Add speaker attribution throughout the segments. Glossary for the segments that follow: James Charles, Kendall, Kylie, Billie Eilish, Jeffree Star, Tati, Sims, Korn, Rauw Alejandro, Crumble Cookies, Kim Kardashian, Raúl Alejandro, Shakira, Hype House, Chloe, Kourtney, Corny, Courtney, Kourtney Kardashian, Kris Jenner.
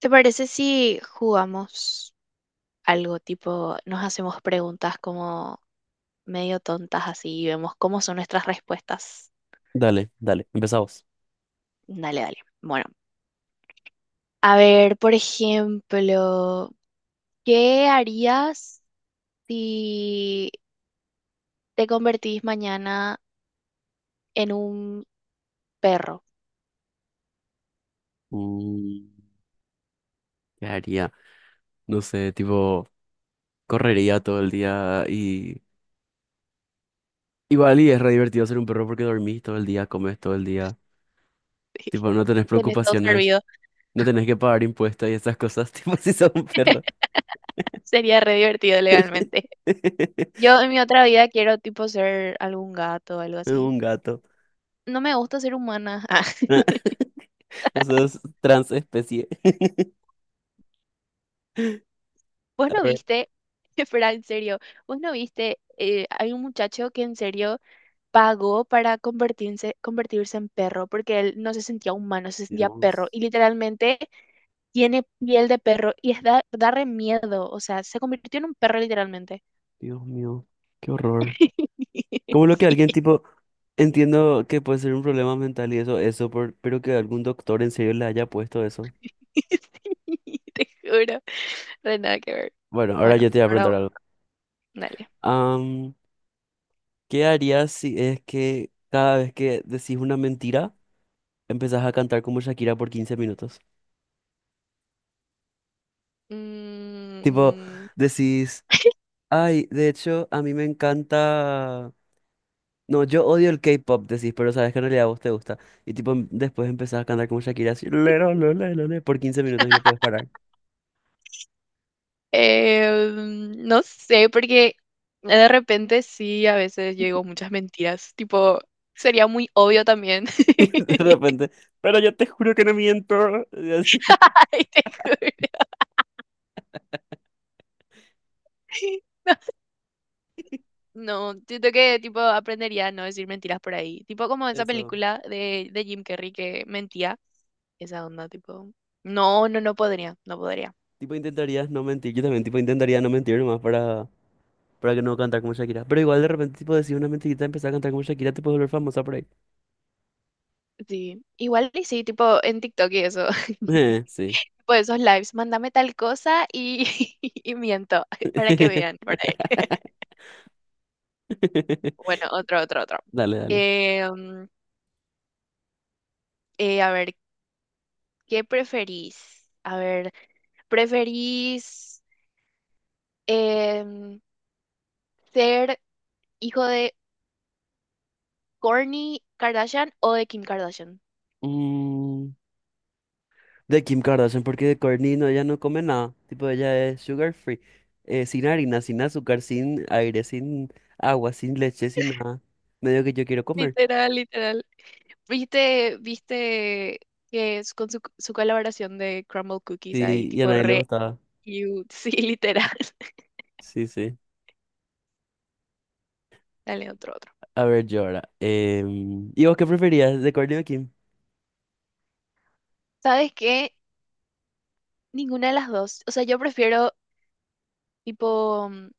Speaker 1: ¿Te parece si jugamos algo tipo, nos hacemos preguntas como medio tontas así y vemos cómo son nuestras respuestas?
Speaker 2: Dale, empezamos.
Speaker 1: Dale, dale. Bueno, a ver, por ejemplo, ¿qué harías si te convertís mañana en un perro?
Speaker 2: Mm, ¿Qué haría? No sé, tipo, correría todo el día y... Igual y es re divertido ser un perro porque dormís todo el día, comes todo el día. Tipo, no tenés
Speaker 1: Tenés todo
Speaker 2: preocupaciones,
Speaker 1: servido.
Speaker 2: no tenés que pagar impuestos y esas cosas, tipo, si sos un perro.
Speaker 1: Sería re divertido legalmente. Yo en mi otra vida quiero tipo ser algún gato o algo así.
Speaker 2: Un gato.
Speaker 1: No me gusta ser humana.
Speaker 2: Pues sos transespecie.
Speaker 1: Vos
Speaker 2: A
Speaker 1: no
Speaker 2: ver.
Speaker 1: viste, espera, en serio, vos no viste, hay un muchacho que en serio pagó para convertirse en perro porque él no se sentía humano, se sentía perro
Speaker 2: Dios,
Speaker 1: y literalmente tiene piel de perro y es da re miedo, o sea, se convirtió en un perro literalmente.
Speaker 2: Dios mío, qué horror. ¿Cómo lo que
Speaker 1: Sí,
Speaker 2: alguien tipo entiendo que puede ser un problema mental y eso, pero que algún doctor en serio le haya puesto eso.
Speaker 1: sí, te juro, re nada que ver.
Speaker 2: Bueno, ahora
Speaker 1: Bueno,
Speaker 2: yo te voy a
Speaker 1: ahora
Speaker 2: preguntar
Speaker 1: vos,
Speaker 2: algo.
Speaker 1: dale.
Speaker 2: Am, ¿Qué harías si es que cada vez que decís una mentira, empezás a cantar como Shakira por 15 minutos? Tipo,
Speaker 1: Mm,
Speaker 2: decís, ay, de hecho, a mí me encanta... No, yo odio el K-pop, decís, pero sabes que en realidad a vos te gusta. Y tipo, después empezás a cantar como Shakira así, "Lero, lo, le", por 15 minutos y no puedes parar.
Speaker 1: Eh, no sé, porque de repente sí, a veces yo digo muchas mentiras. Tipo, sería muy obvio también.
Speaker 2: De repente, pero yo te juro que no miento.
Speaker 1: Ay, te juro. No, siento que tipo aprendería a no decir mentiras por ahí. Tipo como esa
Speaker 2: Eso.
Speaker 1: película de Jim Carrey que mentía. Esa onda, tipo. No, no, no podría, no podría.
Speaker 2: Tipo, intentarías no mentir. Yo también, tipo, intentaría no mentir nomás para que no cantar como Shakira. Pero igual de repente, tipo, decir una mentirita, y empezar a cantar como Shakira, te puedes volver famosa por ahí.
Speaker 1: Sí. Igual y sí, tipo en TikTok y eso.
Speaker 2: Sí.
Speaker 1: Tipo esos lives, mándame tal cosa y, y miento para que vean por ahí. Bueno, otro, otro, otro.
Speaker 2: Dale.
Speaker 1: Eh, mm, a ver, ¿qué preferís? A ver, ¿preferís em, ser hijo de Kourtney Kardashian o de Kim Kardashian?
Speaker 2: Mm, de Kim Kardashian, porque de Kourtney no, ella no come nada. Tipo, ella es sugar free. Sin harina, sin azúcar, sin aire, sin agua, sin leche, sin nada. Medio que yo quiero comer.
Speaker 1: Literal, literal. ¿Viste, viste que es con su colaboración de Crumble Cookies ahí,
Speaker 2: Sí, y a
Speaker 1: tipo
Speaker 2: nadie le
Speaker 1: re
Speaker 2: gustaba.
Speaker 1: cute? Sí, literal.
Speaker 2: Sí, sí.
Speaker 1: Dale, otro, otro.
Speaker 2: A ver, yo ahora. ¿Y vos qué preferías de Courtney Kim?
Speaker 1: ¿Sabes qué? Ninguna de las dos. O sea, yo prefiero, tipo,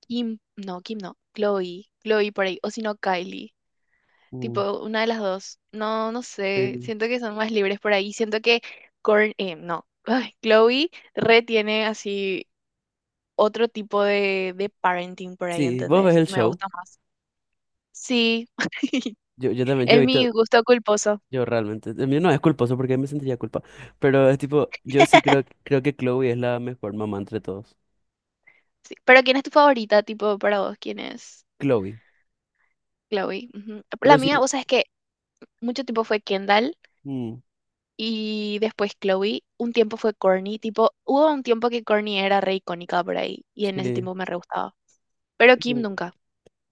Speaker 1: Kim no, Chloe, Chloe por ahí, o si no Kylie,
Speaker 2: Mm,
Speaker 1: tipo una de las dos. No, no sé,
Speaker 2: sí.
Speaker 1: siento que son más libres por ahí, siento que Korn, no, ay, Chloe re tiene así otro tipo de parenting por ahí,
Speaker 2: Sí, vos ves
Speaker 1: ¿entendés?
Speaker 2: el
Speaker 1: Me
Speaker 2: show.
Speaker 1: gusta más. Sí,
Speaker 2: Yo también, yo he
Speaker 1: es mi
Speaker 2: visto,
Speaker 1: gusto culposo.
Speaker 2: yo realmente, el mío no es culposo porque me sentiría culpa, pero es tipo, yo sí creo que Chloe es la mejor mamá entre todos.
Speaker 1: Sí. Pero ¿quién es tu favorita, tipo, para vos? ¿Quién es?
Speaker 2: Chloe.
Speaker 1: ¿Chloe? Ujú. La
Speaker 2: Pero sí,
Speaker 1: mía, vos sabés que mucho tiempo fue Kendall.
Speaker 2: mm,
Speaker 1: Y después Chloe, un tiempo fue Corny, tipo, hubo un tiempo que Corny era re icónica por ahí, y en ese
Speaker 2: sí.
Speaker 1: tiempo me re gustaba. Pero Kim
Speaker 2: Eso.
Speaker 1: nunca.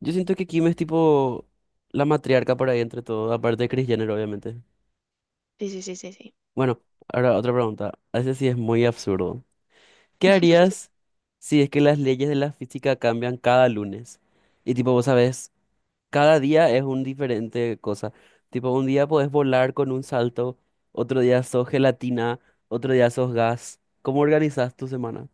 Speaker 2: Yo siento que Kim es tipo la matriarca por ahí entre todos, aparte de Kris Jenner, obviamente.
Speaker 1: Sí, sí, sí, sí, sí.
Speaker 2: Bueno, ahora otra pregunta. A ese sí es muy absurdo. ¿Qué harías si es que las leyes de la física cambian cada lunes? Y tipo, vos sabés, cada día es un diferente cosa. Tipo, un día podés volar con un salto, otro día sos gelatina, otro día sos gas. ¿Cómo organizas tu semana?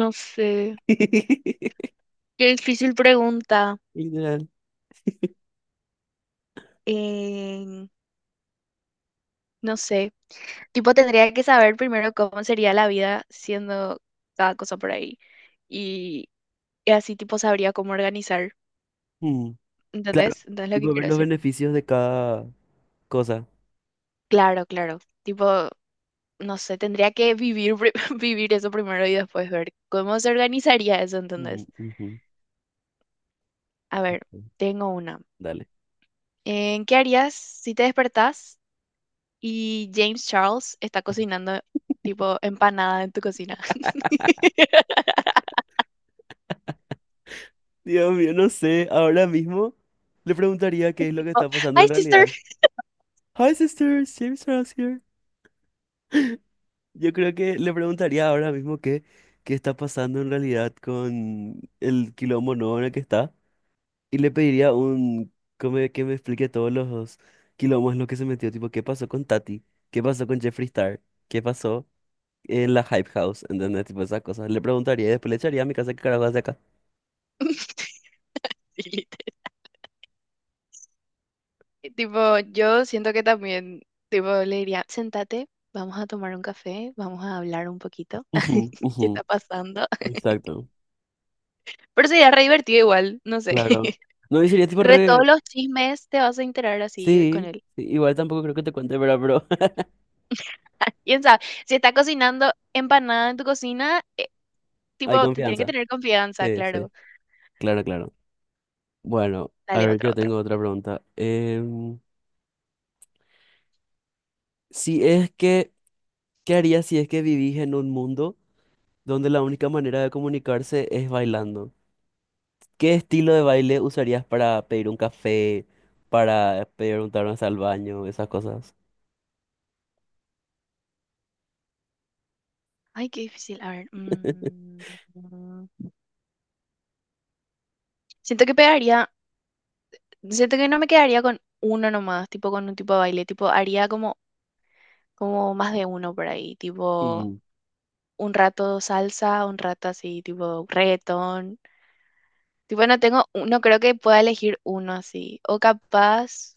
Speaker 1: No sé. Qué difícil pregunta.
Speaker 2: Literal.
Speaker 1: Eh, no sé. Tipo, tendría que saber primero cómo sería la vida siendo cada cosa por ahí. Y, y así, tipo, sabría cómo organizar.
Speaker 2: Mm, claro,
Speaker 1: ¿Entendés? ¿Entendés lo que
Speaker 2: tipo
Speaker 1: quiero
Speaker 2: ver los
Speaker 1: decir?
Speaker 2: beneficios de cada cosa.
Speaker 1: Claro, claro. Tipo, no sé, tendría que vivir, vivir eso primero y después ver cómo se organizaría eso,
Speaker 2: Mm,
Speaker 1: entonces.
Speaker 2: ujú,
Speaker 1: A
Speaker 2: sí.
Speaker 1: ver, tengo una.
Speaker 2: Dale.
Speaker 1: ¿Qué harías si te despertás y James Charles está cocinando tipo empanada en tu cocina?
Speaker 2: Dios mío, no sé, ahora mismo le preguntaría qué es lo que
Speaker 1: Tipo,
Speaker 2: está pasando
Speaker 1: hi,
Speaker 2: en
Speaker 1: sister.
Speaker 2: realidad. Hi sisters, James Ross here. Yo creo que le preguntaría ahora mismo qué está pasando en realidad con el quilombo nuevo en el que está. Y le pediría un que me explique todos los quilombos en los que se metió. Tipo, ¿qué pasó con Tati? ¿Qué pasó con Jeffree Star? ¿Qué pasó en la Hype House? ¿Entendés? Tipo esas cosas. Le preguntaría y después le echaría a mi casa qué carajo hace acá.
Speaker 1: Sí, literal. Tipo, yo siento que también, tipo, le diría, sentate, vamos a tomar un café, vamos a hablar un poquito,
Speaker 2: Ujú,
Speaker 1: ¿qué está
Speaker 2: ujú.
Speaker 1: pasando?
Speaker 2: Exacto.
Speaker 1: Pero sería re divertido igual, no sé.
Speaker 2: Claro. No, y sería tipo
Speaker 1: Re todos
Speaker 2: re...
Speaker 1: los chismes te vas a enterar así con
Speaker 2: Sí,
Speaker 1: él.
Speaker 2: sí, igual tampoco creo que te cuente, ¿verdad? Pero
Speaker 1: ¿Quién sabe? Si está cocinando empanada en tu cocina,
Speaker 2: hay
Speaker 1: tipo, te tienen que
Speaker 2: confianza.
Speaker 1: tener confianza,
Speaker 2: Sí, sí.
Speaker 1: claro.
Speaker 2: Claro, claro. Bueno, a
Speaker 1: Dale,
Speaker 2: ver,
Speaker 1: otro,
Speaker 2: yo
Speaker 1: otro.
Speaker 2: tengo otra pregunta. Si es que, ¿qué harías si es que vivís en un mundo donde la única manera de comunicarse es bailando? ¿Qué estilo de baile usarías para pedir un café, para preguntar hasta al baño, esas cosas?
Speaker 1: Ay, qué difícil. A ver. Mm. Siento que pegaría, siento que no me quedaría con uno nomás, tipo con un tipo de baile, tipo haría como más de uno por ahí, tipo
Speaker 2: Mm.
Speaker 1: un rato salsa, un rato así, tipo reggaetón. Tipo, no tengo, no creo que pueda elegir uno así. O capaz...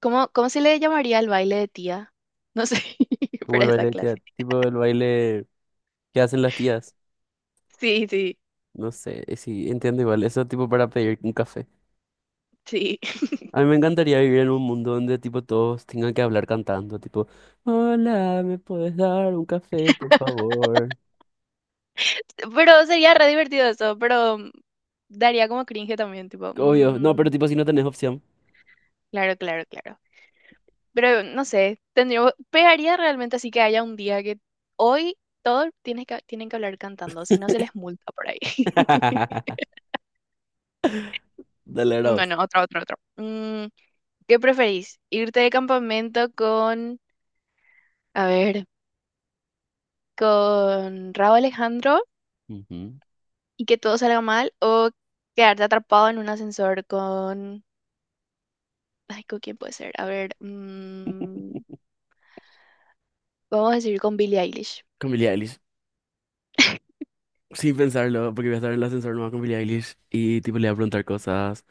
Speaker 1: ¿Cómo se le llamaría el baile de tía? No sé,
Speaker 2: Como
Speaker 1: para
Speaker 2: el
Speaker 1: esa
Speaker 2: baile,
Speaker 1: clase.
Speaker 2: tipo el baile que hacen las tías.
Speaker 1: Sí, sí,
Speaker 2: No sé, sí, entiendo igual. Eso tipo para pedir un café.
Speaker 1: sí.
Speaker 2: A mí me encantaría vivir en un mundo donde tipo todos tengan que hablar cantando, tipo, hola, ¿me puedes dar un café, por favor?
Speaker 1: Pero sería re divertido eso, pero daría como cringe también, tipo,
Speaker 2: Obvio, no, pero tipo si no tenés opción.
Speaker 1: claro, claro, claro. Pero no sé, tendría, pegaría realmente así que haya un día que hoy todos tienen que hablar cantando, si no se les multa por ahí.
Speaker 2: Dale, Ross.
Speaker 1: Bueno, otro, otro, otro. ¿Qué preferís? ¿Irte de campamento con, a ver, con Rauw Alejandro
Speaker 2: Ujú.
Speaker 1: y que todo salga mal o quedarte atrapado en un ascensor con...? Ay, ¿con quién puede ser? A ver, vamos a decir con Billie Eilish.
Speaker 2: Con Billie Eilish. Sin pensarlo, porque voy a estar en el ascensor nomás con Billie Eilish y tipo le voy a preguntar cosas,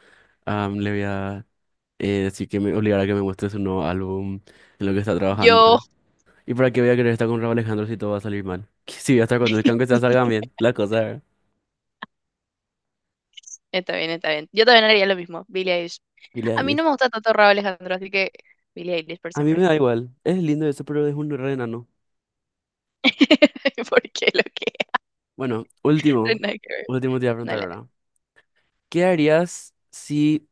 Speaker 2: le voy a decir que me obligará a que me muestre su nuevo álbum, en lo que está trabajando.
Speaker 1: Yo,
Speaker 2: ¿Y para qué voy a querer estar con Raúl Alejandro si todo va a salir mal? Si voy a estar con él, que aunque sea salgan bien, la cosa, ¿verdad?
Speaker 1: Está bien, está bien. Yo también haría lo mismo, Billie Eilish.
Speaker 2: Billie
Speaker 1: A mí no
Speaker 2: Eilish.
Speaker 1: me gusta tanto Raúl Alejandro, así que Billie Eilish por
Speaker 2: A mí me
Speaker 1: siempre.
Speaker 2: da igual. Es lindo eso, pero es un re enano.
Speaker 1: Porque lo que...
Speaker 2: Bueno,
Speaker 1: no,
Speaker 2: último.
Speaker 1: nada que ver.
Speaker 2: Último te voy a preguntar
Speaker 1: Dale.
Speaker 2: ahora. ¿Qué harías si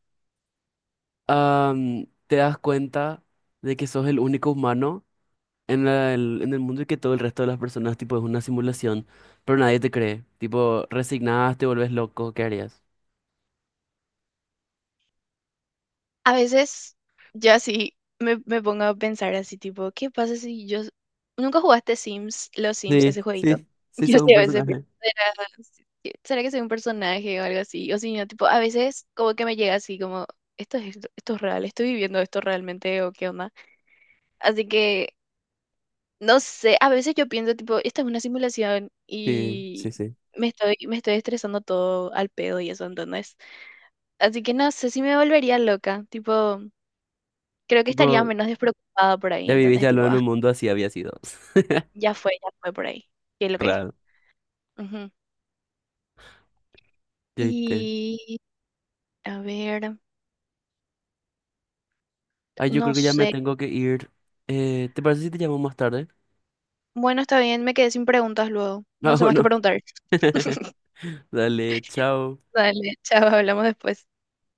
Speaker 2: te das cuenta de que sos el único humano en en el mundo y que todo el resto de las personas, tipo, es una simulación, pero nadie te cree? Tipo, resignás, te volvés loco, ¿qué harías?
Speaker 1: A veces yo así me pongo a pensar así tipo, ¿qué pasa si yo...? Nunca jugaste Sims, ¿los Sims,
Speaker 2: Sí,
Speaker 1: ese jueguito?
Speaker 2: sí, sí,
Speaker 1: Yo
Speaker 2: sos un
Speaker 1: sí a veces pienso,
Speaker 2: personaje.
Speaker 1: que será que soy un personaje o algo así? O si no, tipo, a veces como que me llega así como, esto es real, estoy viviendo esto realmente o qué onda. Así que, no sé, a veces yo pienso tipo, esta es una simulación
Speaker 2: Sí,
Speaker 1: y
Speaker 2: sí, sí.
Speaker 1: me estoy estresando todo al pedo y eso, ¿entendés? Así que no sé si me volvería loca, tipo creo que estaría
Speaker 2: Tipo,
Speaker 1: menos despreocupada por ahí,
Speaker 2: ya vivís
Speaker 1: ¿entendés?
Speaker 2: ya lo
Speaker 1: Tipo,
Speaker 2: en
Speaker 1: ah,
Speaker 2: un mundo así había sido.
Speaker 1: ya fue por ahí. ¿Qué es lo que es?
Speaker 2: Raro.
Speaker 1: Ujú.
Speaker 2: ¿Ya viste?
Speaker 1: Y, a ver,
Speaker 2: Ay, yo
Speaker 1: no
Speaker 2: creo que ya me
Speaker 1: sé.
Speaker 2: tengo que ir. ¿Te parece si te llamo más tarde?
Speaker 1: Bueno, está bien, me quedé sin preguntas luego. No
Speaker 2: Ah,
Speaker 1: sé más que
Speaker 2: bueno.
Speaker 1: preguntar.
Speaker 2: Dale, chao.
Speaker 1: Dale, chao, hablamos después.